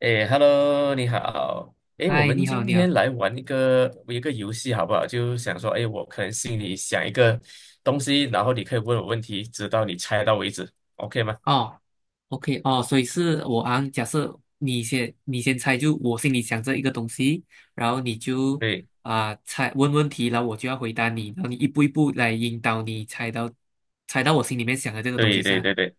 哎，Hello，你好。哎，我嗨，们你好，今你好。天来玩一个游戏好不好？就想说，哎，我可能心里想一个东西，然后你可以问我问题，直到你猜到为止，OK 吗？哦，OK，哦，所以是我啊。假设你先猜，就我心里想着一个东西，然后你就对，猜问问题，然后我就要回答你，然后你一步一步来引导你猜到我心里面想的这个东西对，对，上。对，对。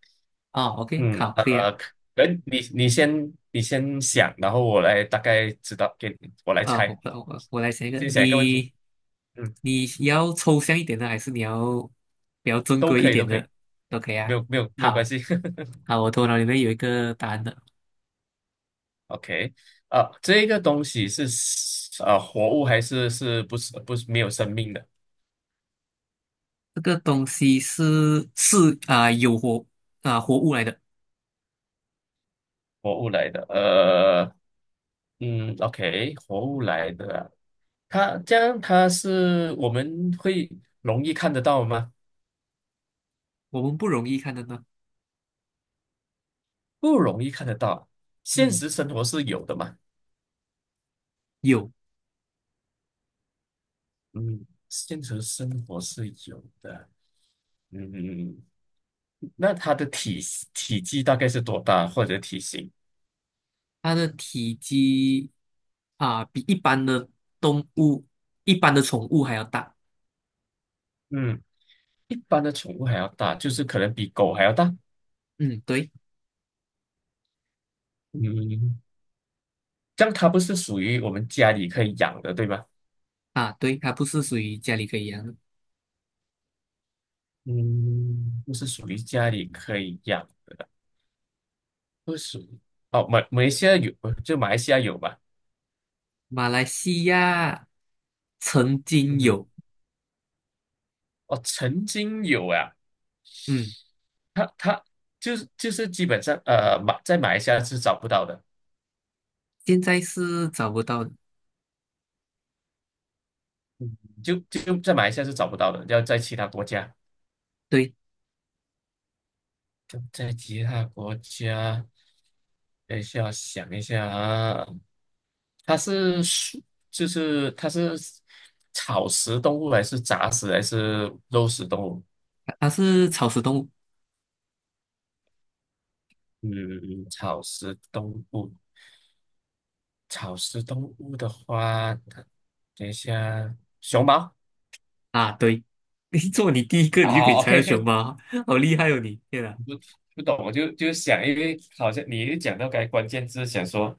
哦，OK，好，可以啊。可能你先想，然后我来大概知道，给你我来猜。我来想一你个，先想一个问题，你嗯，你要抽象一点的，还是你要比较正都规一可以，都点可以，的？都可以没啊。有没有没有关好，系。好，我头脑里面有一个答案的。OK，啊，这个东西是活物还是是不是没有生命的？这个东西是是啊、有活啊、活物来的，活物来的，OK，活物来的啊它这样它是我们会容易看得到吗？我们不容易看得到。不容易看得到，现嗯，实生活是有的嘛，有。嗯，现实生活是有的，嗯，那它的体积大概是多大或者体型？它的体积比一般的动物、一般的宠物还要大。嗯，一般的宠物还要大，就是可能比狗还要大，嗯，对嗯，这样它不是属于我们家里可以养的，对吧？啊，对，它不是属于家里可以养的。嗯，不是属于家里可以养。不属于哦，马来西亚有，就马来西亚有吧？马来西亚曾经嗯哼，有，哦，曾经有啊，嗯，它就是基本上马在马来西亚是找不到的，现在是找不到的。就在马来西亚是找不到的，要在其他国家，对，就在其他国家，等一下想一下啊，它是树，就是它是草食动物还是杂食还是肉食动物？它是草食动物嗯，草食动物。草食动物的话，等一下，熊猫。啊。对，你第一个，你就可以啊猜到熊，OK，猫，好厉害哦你！天哪！不不懂，我就想，因为好像你一讲到该关键字，想说，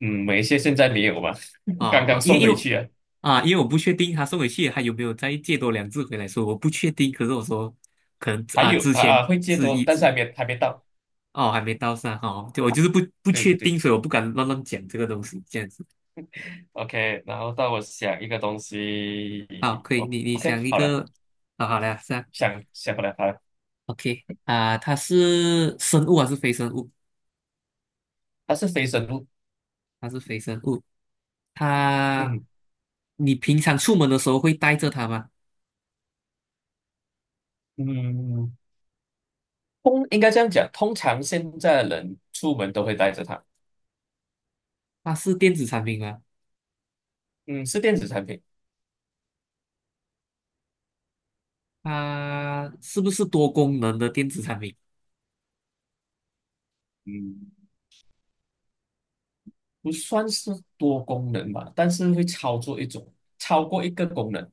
嗯，某一些现在没有吧，啊刚刚啊，因为送因回为去啊，因为我不确定他送回去还有没有再借多两只回来，所以我不确定。可是我说，可能还啊，有之啊前啊，会借是多，一但只是还没到。哦，还没到上哦，就我就是不对确对对定，所以我不敢乱乱讲这个东西。这样子。，OK，然后到我想一个东西，好，可以，哦你，OK，想一好了，个。啊，好了，是啊想想不来，好了，，OK 啊，它是生物还是非生物？它是非生物，它是非生物。它嗯你平常出门的时候会带着它吗？嗯，应该这样讲，通常现在的人出门都会带着它。它是电子产品吗？嗯，是电子产品，它是不是多功能的电子产品？嗯，不算是多功能吧，但是会操作一种，超过一个功能，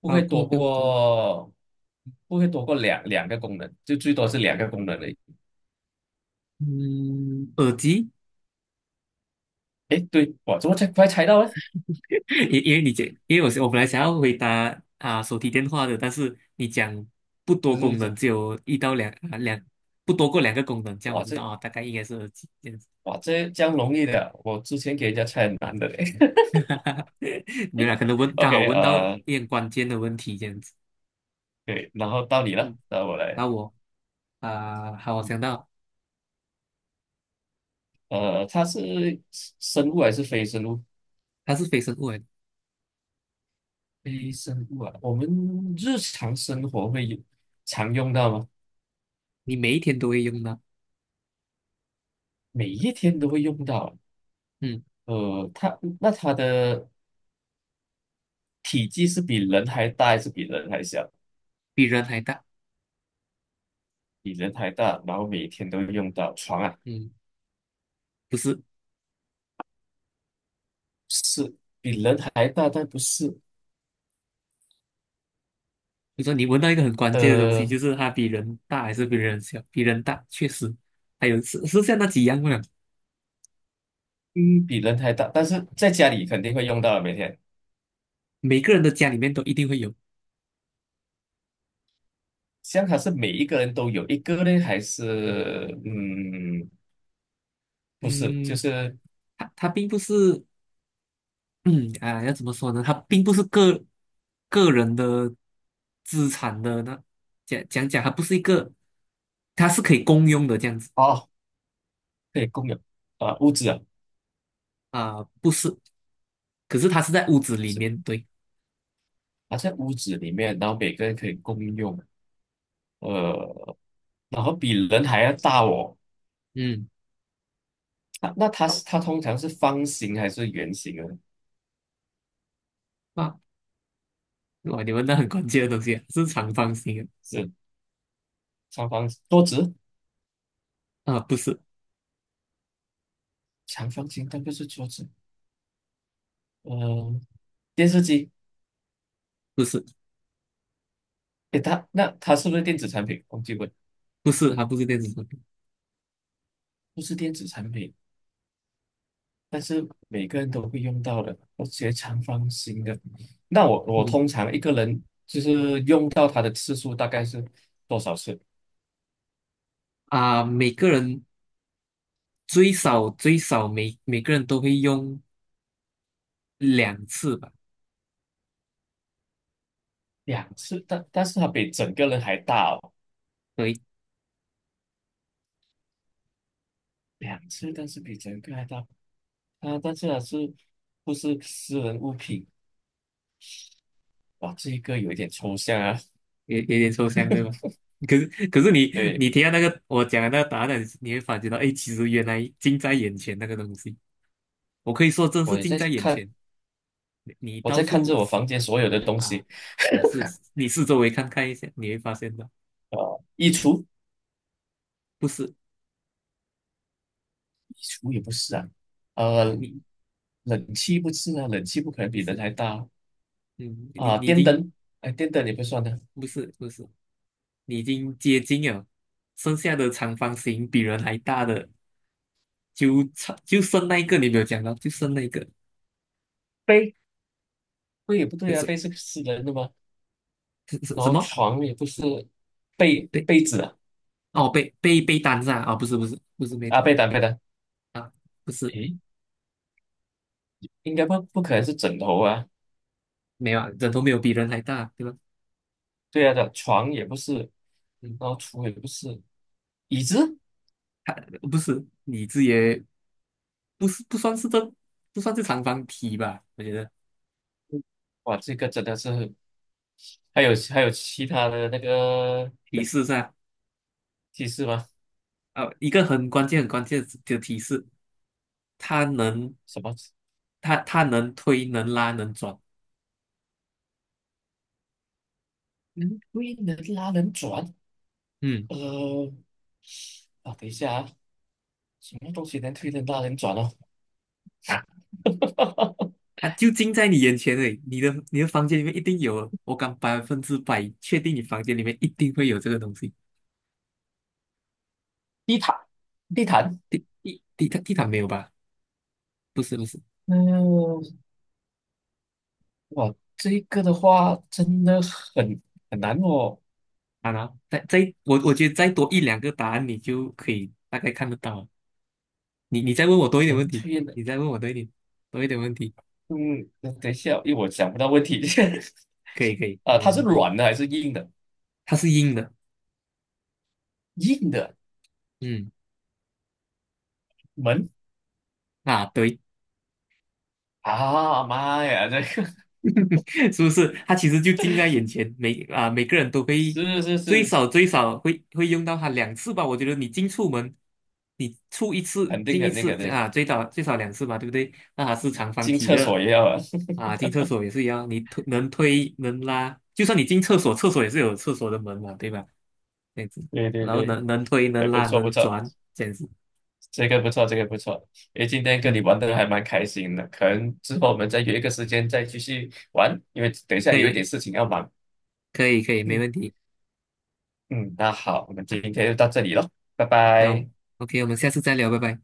不花会贵多个功，过，不会多过两个功能，就最多是两个功能而已。嗯，耳机。诶，对，我怎么才快猜到呢？因为你讲，因为我本来想要回答手提电话的，但是你讲不多就功是能，这，只有一到两，不多过两个功能，这样我哇知道这大概应该是耳机这样子。哇这样容易的，我之前给人家猜很难的嘞。哈哈没有啦，可能 问刚好 OK，问到一点关键的问题这样子。对，然后到你了，嗯，到我然来，后好，我嗯想到。它是生物还是非生物？它是非生物来的。非生物啊，我们日常生活会有常用到吗？你每一天都会用到。每一天都会用到。嗯，它它的体积是比人还大还是比人还小？比人还大。比人还大，然后每一天都会用到床啊，嗯，不是。是比人还大，但不是你说你闻到一个很关键的东西，就呃，是它比人大还是比人小？比人大，确实。还有是像那几样嘛，嗯，比人还大，但是在家里肯定会用到的每天。每个人的家里面都一定会有。像它是每一个人都有一个呢，还是嗯，不是，就嗯，是它并不是。要怎么说呢？它并不是个个人的资产的那讲讲讲，它不是一个，它是可以公用的这样子。哦，可以共有啊，屋子啊，啊，不是。可是它是在屋子不里是，面。对。啊，在屋子里面，然后每个人可以共用，呃，然后比人还要大哦。嗯，那它通常是方形还是圆形的？哇哇，你们到很关键的东西啊，是长方形。是长方形桌子，啊，啊，不是长方形，但不是桌子。嗯、电视机，不是诶，它它是不是电子产品？忘记问，不是，它不是电子产品。不是电子产品，但是每个人都会用到的。而且长方形的，那我嗯。通常一个人就是用到它的次数大概是多少次？每个人最少最少每个人都会用两次吧。两次，但是它比整个人还大哦，所以两次，但是比整个还大。啊，但是它是不是私人物品？哇，这一个有一点抽象啊。也有点抽象，对吧？可是你对，你听到那个我讲的那个答案，你会发觉到，哎，其实原来近在眼前那个东西，我可以说真是我也近在在眼看，前。你我到在看处着我房间所有的东啊西，试一试，你四周围看看一下，你会发现到。衣橱，不是，衣橱也不是啊，呃，你冷气不是啊，冷气不可能不比人是。还大哦嗯，你啊，你已电经，灯，哎，电灯也不算的，不是不是，你已经接近了，剩下的长方形比人还大的。就剩那一个你没有讲到，就剩那一个，被，被也不什对啊，被什是私人的嘛，这是然什后么？床也不是被被子啊，哦被被被单是吧？不是不是不是没啊，单。被单被单，啊，不是。诶，应该不可能是枕头啊，没有啊，人头没有比人还大，对吧？对啊的，床也不是，嗯，然后橱也不是，椅子，不是，你这也不是，不算是，这不算是长方体吧？我觉得哇，这个真的是。还有其他的那个提示是啊。提示吗？啊，一个很关键很关键的提示，它能什么它能推能拉能转。能推能拉能转？嗯。呃，等一下啊，什么东西能推能拉能转哦？啊，就近在你眼前而已，你的房间里面一定有，我敢百分之百确定你房间里面一定会有这个东西。地毯，地毯。地毯没有吧？不是不是。嗯、哇，这个的话真的很很难哦，啊，然后再我觉得再多一两个答案，你就可以大概看得到了。你再问我多一点能问题，推能……你再问我多一点问题。嗯，等一下，因为我想不到问题。可以可以，啊，没它问是题。软的还是硬的？它是硬的。硬的嗯。门啊，对。啊，妈呀，这个 是不是？它其实就近在眼前，每个人都 会是是最是，少最少会用到它两次吧。我觉得你进出门，你出一次肯定进一肯定次肯定。啊，最少最少两次吧，对不对？那它是长方进体厕的。所也要啊。啊，进厕所也是一样，能推能拉，就算你进厕所，厕所也是有厕所的门嘛，对吧？这样子。对对然后对，能推哎，能不拉错不能错，转，这样子。这个不错，这个不错。哎，今天跟你嗯，玩的还蛮开心的，可能之后我们再约一个时间再继续玩，因为等一下可有一点以事情要忙。可以可以，没嗯问题。嗯，那好，我们今天就到这里了，拜那我 拜。OK,我们下次再聊，拜拜。